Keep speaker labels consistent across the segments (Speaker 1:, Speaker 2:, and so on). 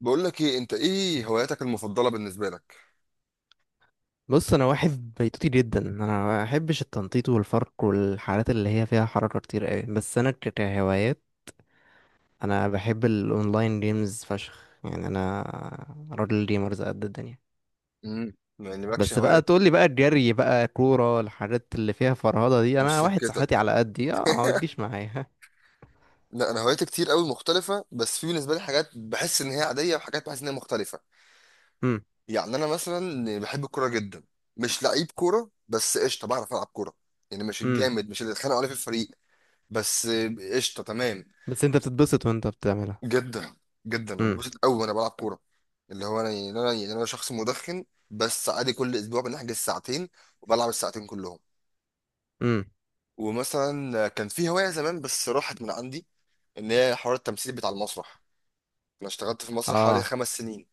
Speaker 1: بقول لك ايه، انت ايه هواياتك المفضله بالنسبه لك؟
Speaker 2: بص، انا واحد بيتوتي جدا. انا ما بحبش التنطيط والفرق والحالات اللي هي فيها حركه كتير قوي. بس انا كهوايات انا بحب الاونلاين جيمز فشخ. يعني انا راجل جيمرز قد الدنيا.
Speaker 1: يعني مالكش
Speaker 2: بس بقى
Speaker 1: هوايات؟
Speaker 2: تقول لي بقى الجري بقى كوره الحاجات اللي فيها فرهضه دي،
Speaker 1: مش
Speaker 2: انا واحد صحتي
Speaker 1: سكتك.
Speaker 2: على قدي، اه ما تجيش معايا.
Speaker 1: لا، انا هواياتي كتير قوي مختلفه، بس في بالنسبه لي حاجات بحس ان هي عاديه وحاجات بحس ان هي مختلفه.
Speaker 2: امم.
Speaker 1: يعني انا مثلا بحب الكوره جدا. مش لعيب كوره، بس قشطه بعرف العب كوره. يعني مش
Speaker 2: امم.
Speaker 1: الجامد، مش اللي اتخانقوا عليه في الفريق. بس قشطه تمام.
Speaker 2: بس انت بتتبسط وانت بتعملها.
Speaker 1: جدا. جدا، انا
Speaker 2: امم.
Speaker 1: ببسط قوي وانا بلعب كوره. اللي هو انا شخص مدخن، بس عادي كل اسبوع بنحجز ساعتين وبلعب الساعتين كلهم.
Speaker 2: امم.
Speaker 1: ومثلا كان في هواية زمان بس راحت من عندي، ان هي حوار التمثيل بتاع المسرح. انا اشتغلت في مسرح حوالي
Speaker 2: اه
Speaker 1: 5 سنين.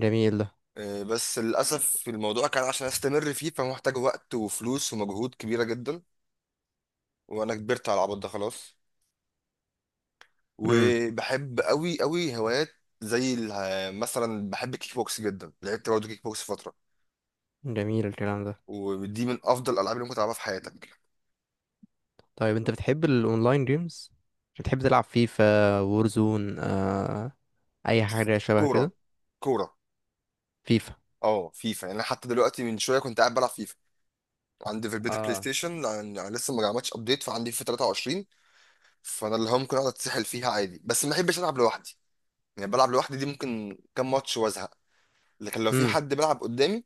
Speaker 2: جميل ده.
Speaker 1: بس للأسف الموضوع كان عشان استمر فيه فمحتاج وقت وفلوس ومجهود كبيرة جدا، وانا كبرت على العبط ده خلاص.
Speaker 2: امم.
Speaker 1: وبحب قوي قوي هوايات زي مثلا بحب الكيك بوكس جدا، لعبت برضه كيك بوكس فترة.
Speaker 2: جميل الكلام ده.
Speaker 1: ودي من افضل الالعاب اللي ممكن تلعبها في حياتك.
Speaker 2: طيب انت بتحب الاونلاين جيمز؟ بتحب تلعب فيفا وورزون؟ اي حاجه شبه
Speaker 1: كورة.
Speaker 2: كده؟
Speaker 1: كورة.
Speaker 2: فيفا.
Speaker 1: اه، فيفا. يعني انا حتى دلوقتي من شوية كنت قاعد بلعب فيفا. عندي في البيت البلاي
Speaker 2: اه.
Speaker 1: ستيشن، لان يعني لسه ما جمعتش ابديت فعندي في 23. فانا اللي هو ممكن اقعد اتسحل فيها عادي، بس ما بحبش العب لوحدي. يعني بلعب لوحدي دي ممكن كام ماتش وازهق. لكن لو في
Speaker 2: امم.
Speaker 1: حد بيلعب قدامي،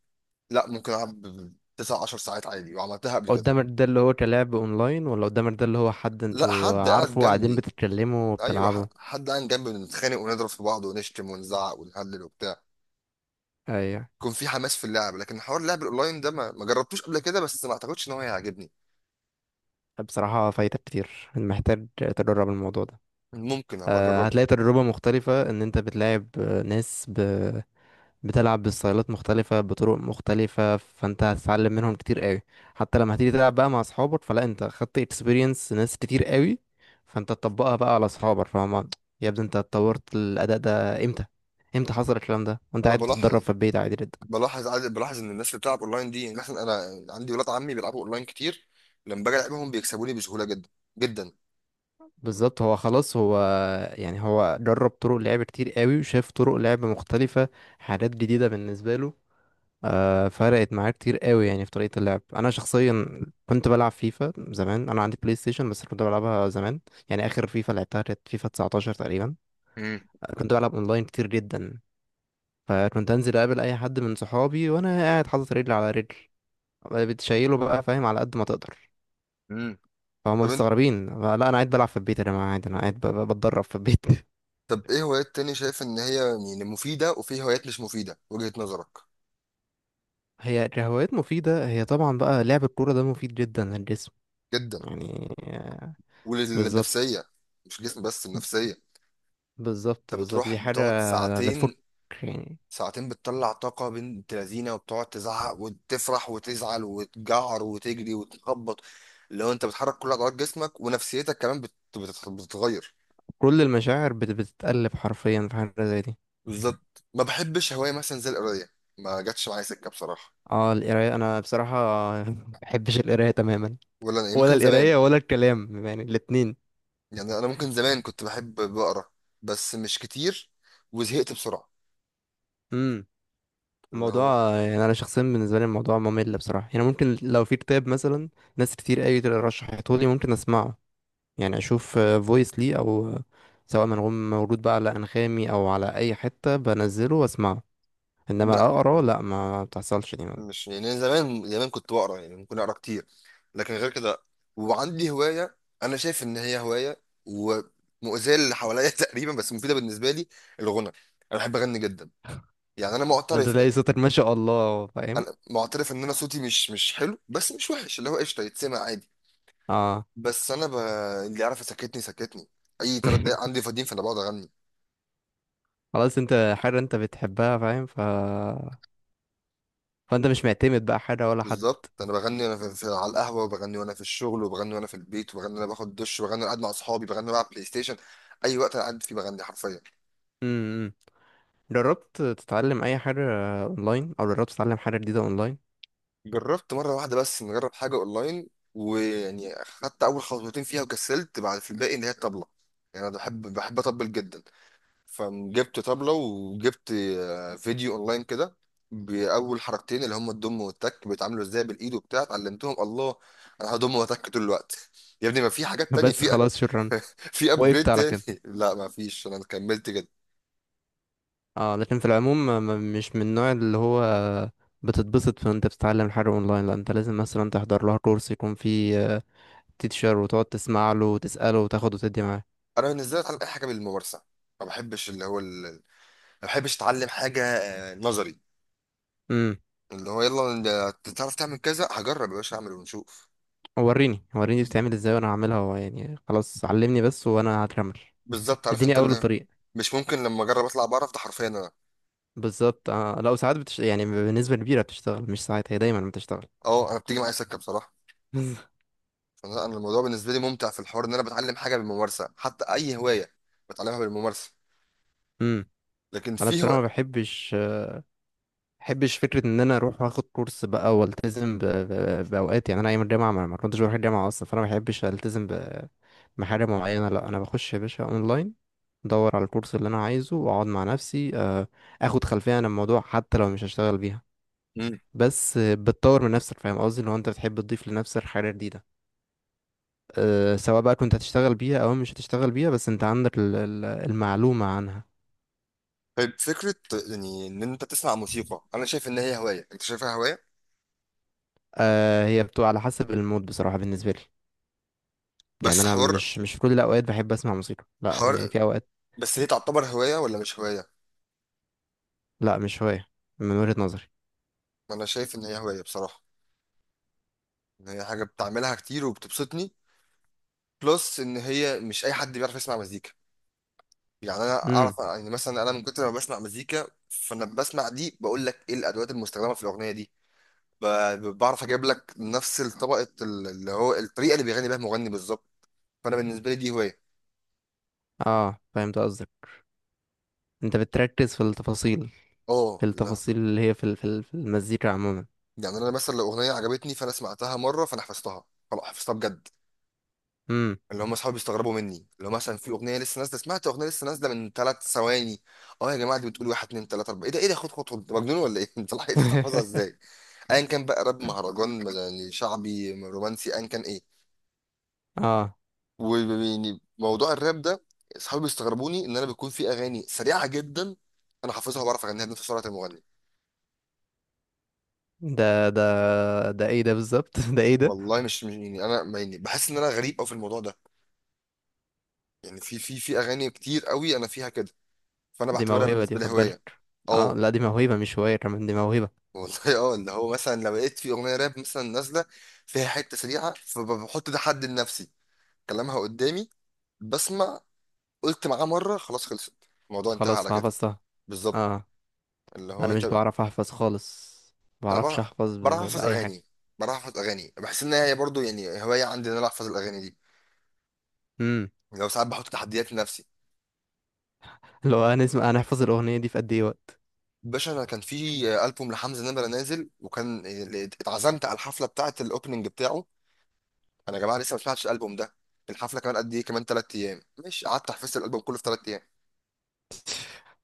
Speaker 1: لا ممكن العب 9 10 ساعات عادي وعملتها قبل كده.
Speaker 2: قدامك ده اللي هو كلاعب اونلاين، ولا قدامك ده اللي هو حد
Speaker 1: لا،
Speaker 2: انتوا
Speaker 1: حد قاعد
Speaker 2: عارفه وقاعدين
Speaker 1: جنبي.
Speaker 2: بتتكلموا
Speaker 1: ايوه،
Speaker 2: وبتلعبوا؟
Speaker 1: حد قاعد جنبي، بنتخانق ونضرب في بعض ونشتم ونزعق ونهلل وبتاع.
Speaker 2: ايوه.
Speaker 1: يكون في حماس في اللعب. لكن حوار اللعب الاونلاين ده ما جربتوش قبل كده، بس ما اعتقدش ان هو هيعجبني.
Speaker 2: بصراحه فايتك كتير، محتاج تجرب الموضوع ده.
Speaker 1: ممكن ابقى اجرب.
Speaker 2: هتلاقي تجربه مختلفه، ان انت بتلاعب ناس بتلعب بستايلات مختلفة بطرق مختلفة، فانت هتتعلم منهم كتير قوي. حتى لما هتيجي تلعب بقى مع اصحابك، فلا انت خدت اكسبيرينس ناس كتير قوي فانت تطبقها بقى على اصحابك، فاهم. يا ابني انت اتطورت الاداء ده امتى؟ امتى حصل الكلام ده وانت
Speaker 1: انا
Speaker 2: قاعد بتتدرب في البيت عادي جدا؟
Speaker 1: بلاحظ ان الناس اللي بتلعب اونلاين دي، يعني مثلا انا عندي ولاد عمي بيلعبوا اونلاين كتير، لما باجي العبهم بيكسبوني بسهوله جدا. جدا.
Speaker 2: بالظبط، هو خلاص هو. يعني هو جرب طرق لعب كتير قوي وشاف طرق لعب مختلفة، حاجات جديدة بالنسبة له. فرقت معايا كتير قوي يعني في طريقة اللعب. انا شخصيا كنت بلعب فيفا زمان، انا عندي بلاي ستيشن بس كنت بلعبها زمان. يعني اخر فيفا لعبتها كانت فيفا 19 تقريبا.
Speaker 1: امم.
Speaker 2: كنت بلعب اونلاين كتير جدا، فكنت انزل اقابل اي حد من صحابي وانا قاعد حاطط رجل على رجل بتشيله بقى، فاهم، على قد ما تقدر.
Speaker 1: امم.
Speaker 2: فهم
Speaker 1: طب انت،
Speaker 2: مستغربين، لا انا قاعد بلعب في البيت يا جماعه، عادي انا قاعد بتدرب في البيت.
Speaker 1: طب ايه هوايات تاني شايف ان هي يعني مفيده، وفي هوايات مش مفيده وجهه نظرك؟
Speaker 2: هي هوايات مفيدة، هي طبعا بقى لعب الكورة ده مفيد جدا للجسم.
Speaker 1: جدا،
Speaker 2: يعني بالظبط.
Speaker 1: وللنفسيه. مش جسم بس، النفسيه.
Speaker 2: بالظبط
Speaker 1: انت
Speaker 2: بالظبط
Speaker 1: بتروح
Speaker 2: دي حاجة.
Speaker 1: بتقعد ساعتين.
Speaker 2: بتفك يعني.
Speaker 1: ساعتين بتطلع طاقه بنت لذينه، وبتقعد تزعق وتفرح وتزعل وتجعر وتجري وتخبط. لو انت بتحرك كل عضلات جسمك ونفسيتك كمان بتتغير.
Speaker 2: كل المشاعر بتتقلب حرفيا في حاجة زي دي.
Speaker 1: بالظبط. ما بحبش هواية مثلا زي القراية. ما جاتش معايا سكة بصراحة.
Speaker 2: اه القراية أنا بصراحة مبحبش القراية تماما.
Speaker 1: ولا أنا، يعني
Speaker 2: ولا
Speaker 1: ممكن زمان.
Speaker 2: القراية ولا الكلام يعني الاتنين.
Speaker 1: يعني أنا ممكن زمان كنت بحب بقرا، بس مش كتير، وزهقت بسرعة.
Speaker 2: امم.
Speaker 1: اللي
Speaker 2: الموضوع،
Speaker 1: هو،
Speaker 2: يعني أنا شخصيا بالنسبة لي الموضوع ممل بصراحة. يعني ممكن لو في كتاب مثلا ناس كتير أوي رشحته لي ممكن أسمعه. يعني أشوف فويس لي أو سواء منغوم موجود بقى على أنغامي أو على أي حتة بنزله وأسمعه. إنما
Speaker 1: لا،
Speaker 2: أقرأ لأ، ما بتحصلش دي.
Speaker 1: مش يعني أنا زمان زمان كنت بقرا يعني ممكن أقرا كتير، لكن غير كده. وعندي هواية، أنا شايف إن هي هواية ومؤذية للي حواليا تقريبا، بس مفيدة بالنسبة لي. الغنى. أنا بحب أغني جدا. يعني أنا
Speaker 2: انت
Speaker 1: معترف،
Speaker 2: تلاقي صوتك ما شاء الله، فاهم.
Speaker 1: أنا معترف إن أنا صوتي مش حلو، بس مش وحش، اللي هو قشطة يتسمع عادي.
Speaker 2: اه.
Speaker 1: بس انا ب... اللي يعرف يسكتني سكتني. اي 3 دقايق عندي فاضيين فانا بقعد اغني.
Speaker 2: خلاص انت حاجة انت بتحبها، فاهم، فانت مش معتمد بقى حاجة ولا حد.
Speaker 1: بالظبط، انا بغني وانا في على القهوه، وبغني وانا في الشغل، وبغني وانا في البيت، وبغني وانا باخد دش، وبغني وانا قاعد مع اصحابي، بغني وانا بلعب بلاي ستيشن. اي وقت انا قاعد فيه بغني حرفيا.
Speaker 2: امم. امم. جربت تتعلم اي حاجة اونلاين، او جربت تتعلم حاجة جديدة اونلاين؟
Speaker 1: جربت مره واحده بس نجرب حاجه اونلاين، ويعني خدت اول خطوتين فيها وكسلت بعد في الباقي، اللي هي الطبله. يعني انا بحب اطبل جدا. فجبت طبلة وجبت فيديو اونلاين كده. بأول حركتين اللي هم الضم والتك بيتعاملوا ازاي بالايد وبتاع اتعلمتهم. الله، انا هضم واتك طول الوقت. يا ابني ما في حاجات تانية
Speaker 2: بس
Speaker 1: في
Speaker 2: خلاص شكرا.
Speaker 1: في
Speaker 2: وقفت
Speaker 1: ابجريد
Speaker 2: على
Speaker 1: تاني؟
Speaker 2: كده.
Speaker 1: لا ما فيش، انا كملت كده.
Speaker 2: اه لكن في العموم، مش من النوع اللي هو بتتبسط وانت بتتعلم حاجة اونلاين. لا انت لازم مثلا تحضر لها كورس يكون فيه تيتشر وتقعد تسمع له وتسأله وتاخد وتدي معاه.
Speaker 1: انا بالنسبة لي اتعلم اي حاجة بالممارسة. ما بحبش اللي هو ما بحبش اتعلم حاجة نظري.
Speaker 2: امم.
Speaker 1: اللي هو يلا، انت تعرف تعمل كذا هجرب يا باشا، اعمل ونشوف.
Speaker 2: وريني بتعمل ازاي وانا هعملها يعني خلاص علمني بس وانا هكمل.
Speaker 1: بالظبط، عارف
Speaker 2: اديني
Speaker 1: انت
Speaker 2: اول
Speaker 1: اللي
Speaker 2: طريق.
Speaker 1: مش ممكن. لما اجرب اطلع بعرف ده حرفيا انا.
Speaker 2: بالظبط. آه لا، ساعات يعني بنسبة كبيرة بتشتغل، مش ساعات، هي دايما بتشتغل.
Speaker 1: اه، انا بتيجي معايا سكة بصراحة. انا الموضوع بالنسبه لي ممتع في الحوار، ان انا بتعلم حاجه بالممارسه. حتى اي هوايه بتعلمها بالممارسه.
Speaker 2: امم.
Speaker 1: لكن
Speaker 2: انا
Speaker 1: في
Speaker 2: بصراحة
Speaker 1: هو.
Speaker 2: ما بحبش، بحبش فكرة ان انا اروح واخد كورس بقى والتزم باوقات. يعني انا ايام الجامعة ما كنتش بروح الجامعة اصلا، فانا ما بحبش التزم بحاجة معينة. لا انا بخش يا باشا اونلاين ادور على الكورس اللي انا عايزه واقعد مع نفسي، اخد خلفية عن الموضوع حتى لو مش هشتغل بيها.
Speaker 1: مم.
Speaker 2: بس بتطور من نفسك، فاهم قصدي، لو انت بتحب تضيف لنفسك حاجه جديده. أه سواء بقى كنت هتشتغل بيها او مش هتشتغل بيها، بس انت عندك المعلومه عنها.
Speaker 1: طيب، فكره يعني ان انت تسمع موسيقى. انا شايف ان هي هوايه. انت شايفها هوايه؟
Speaker 2: أه هي بتبقى على حسب المود بصراحه بالنسبه لي. يعني
Speaker 1: بس
Speaker 2: انا
Speaker 1: حوار.
Speaker 2: مش في كل الاوقات بحب اسمع موسيقى، لا
Speaker 1: حوار.
Speaker 2: يعني في اوقات.
Speaker 1: بس هي تعتبر هوايه ولا مش هوايه؟
Speaker 2: لا مش هوايه من وجهه نظري.
Speaker 1: انا شايف ان هي هوايه بصراحه، ان هي حاجه بتعملها كتير وبتبسطني، بلس ان هي مش اي حد بيعرف يسمع مزيكا. يعني انا
Speaker 2: امم.
Speaker 1: اعرف. يعني مثلا انا من كتر ما بسمع مزيكا، فانا بسمع دي بقول لك ايه الادوات المستخدمه في الاغنيه دي. بعرف اجيب لك نفس طبقه اللي هو الطريقه اللي بيغني بيها المغني بالظبط. فانا بالنسبه لي دي هوايه.
Speaker 2: اه فهمت قصدك، انت بتركز في التفاصيل.
Speaker 1: اه،
Speaker 2: في
Speaker 1: لا.
Speaker 2: التفاصيل اللي هي في في المزيكا عموما.
Speaker 1: يعني انا مثلا لو اغنيه عجبتني فانا سمعتها مره، فانا حفظتها. خلاص حفظتها بجد.
Speaker 2: امم.
Speaker 1: اللي هم اصحابي بيستغربوا مني لو مثلا في اغنيه لسه نازله، سمعت اغنيه لسه نازله من 3 ثواني. اه يا جماعه دي بتقول واحد اتنين تلاته اربعه، ايه ده، ايه ده، خد خد خد، أنت مجنون ولا ايه؟ انت لحقت تحفظها ازاي؟ ايا كان بقى راب، مهرجان يعني، شعبي، رومانسي، ايا كان ايه.
Speaker 2: اه
Speaker 1: ويعني موضوع الراب ده، اصحابي بيستغربوني ان انا بيكون في اغاني سريعه جدا انا حافظها وبعرف اغنيها بنفس سرعه المغني.
Speaker 2: ده ايه ده بالظبط. ده ايه ده.
Speaker 1: والله مش يعني انا يعني بحس ان انا غريب قوي في الموضوع ده. يعني في اغاني كتير قوي انا فيها كده. فانا
Speaker 2: دي
Speaker 1: بعتبرها
Speaker 2: موهبة دي،
Speaker 1: بالنسبه لي
Speaker 2: خد
Speaker 1: هوايه.
Speaker 2: بالك. اه
Speaker 1: اه.
Speaker 2: لا دي موهبة، مش هواية، كمان دي موهبة.
Speaker 1: والله اه، اللي هو مثلا لو لقيت في اغنيه راب مثلا نازله فيها حته سريعه، فبحط ده حد لنفسي، كلامها قدامي، بسمع. قلت معاه مره، خلاص خلصت. الموضوع انتهى
Speaker 2: خلاص
Speaker 1: على كده.
Speaker 2: حفظتها.
Speaker 1: بالظبط.
Speaker 2: اه.
Speaker 1: اللي
Speaker 2: لا
Speaker 1: هو
Speaker 2: انا
Speaker 1: انت.
Speaker 2: مش بعرف احفظ خالص. ما
Speaker 1: انا
Speaker 2: بعرفش
Speaker 1: بعرف.
Speaker 2: احفظ
Speaker 1: بعرف احفظ
Speaker 2: بأي حاجة.
Speaker 1: اغاني بعرف احفظ اغاني بحس ان هي برضو يعني هوايه عندي، ان انا احفظ الاغاني دي.
Speaker 2: امم.
Speaker 1: يعني لو ساعات بحط تحديات لنفسي.
Speaker 2: لو هنسمع هنحفظ الأغنية دي في قد ايه وقت.
Speaker 1: باشا انا كان في البوم لحمزه نمره نازل، وكان اتعزمت على الحفله بتاعه الاوبننج بتاعه. انا يا جماعه لسه ما سمعتش الالبوم ده، الحفله كمان قد ايه؟ كمان 3 ايام. مش قعدت حفظت الالبوم كله في 3 ايام.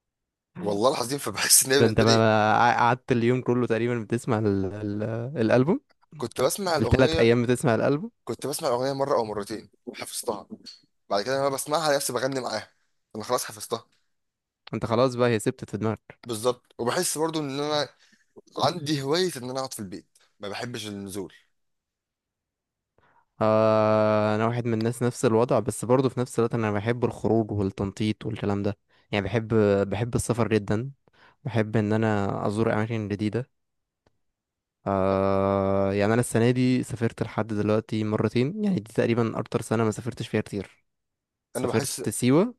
Speaker 1: والله العظيم. فبحس ان هي
Speaker 2: ده انت
Speaker 1: بالنسبه
Speaker 2: ما
Speaker 1: لي.
Speaker 2: ما قع- قعدت اليوم كله تقريبا بتسمع ال ال الألبوم.
Speaker 1: كنت بسمع
Speaker 2: التلات
Speaker 1: الاغنيه
Speaker 2: أيام بتسمع الألبوم.
Speaker 1: كنت بسمع الاغنيه مره او مرتين حفظتها. بعد كده انا بسمعها نفسي بغني معاها. انا خلاص حفظتها.
Speaker 2: انت خلاص بقى هي سبتت في دماغك.
Speaker 1: بالظبط. وبحس برضو ان انا عندي هواية إن أنا أقعد في البيت، ما بحبش النزول.
Speaker 2: آه انا واحد من الناس نفس الوضع، بس برضه في نفس الوقت انا بحب الخروج والتنطيط والكلام ده. يعني بحب السفر جدا. بحب ان انا ازور اماكن جديده. آه يعني انا السنه دي سافرت لحد دلوقتي مرتين، يعني دي تقريبا اكتر سنه ما سافرتش فيها كتير.
Speaker 1: أنا بحس
Speaker 2: سافرت سيوه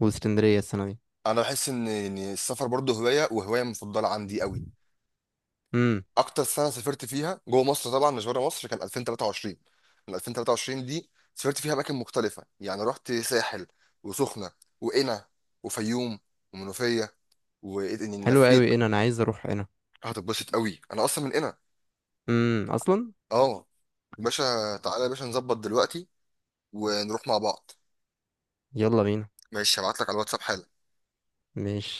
Speaker 2: واسكندريه السنه دي.
Speaker 1: أنا بحس إن السفر برضه هواية، وهواية مفضلة عندي قوي.
Speaker 2: امم.
Speaker 1: أكتر سنة سافرت فيها جوه مصر طبعا مش بره مصر كان 2023. من 2023 دي سافرت فيها أماكن مختلفة، يعني رحت ساحل، وسخنة، وقنا، وفيوم، ومنوفية، وإني
Speaker 2: حلو
Speaker 1: لفيت.
Speaker 2: قوي هنا، انا عايز اروح هنا.
Speaker 1: هتتبسط قوي، أنا أصلا من قنا.
Speaker 2: اصلا.
Speaker 1: أه. يا باشا، تعالى يا باشا نظبط دلوقتي ونروح مع بعض.
Speaker 2: يلا بينا.
Speaker 1: ماشي، هبعت لك على الواتساب حالا.
Speaker 2: مش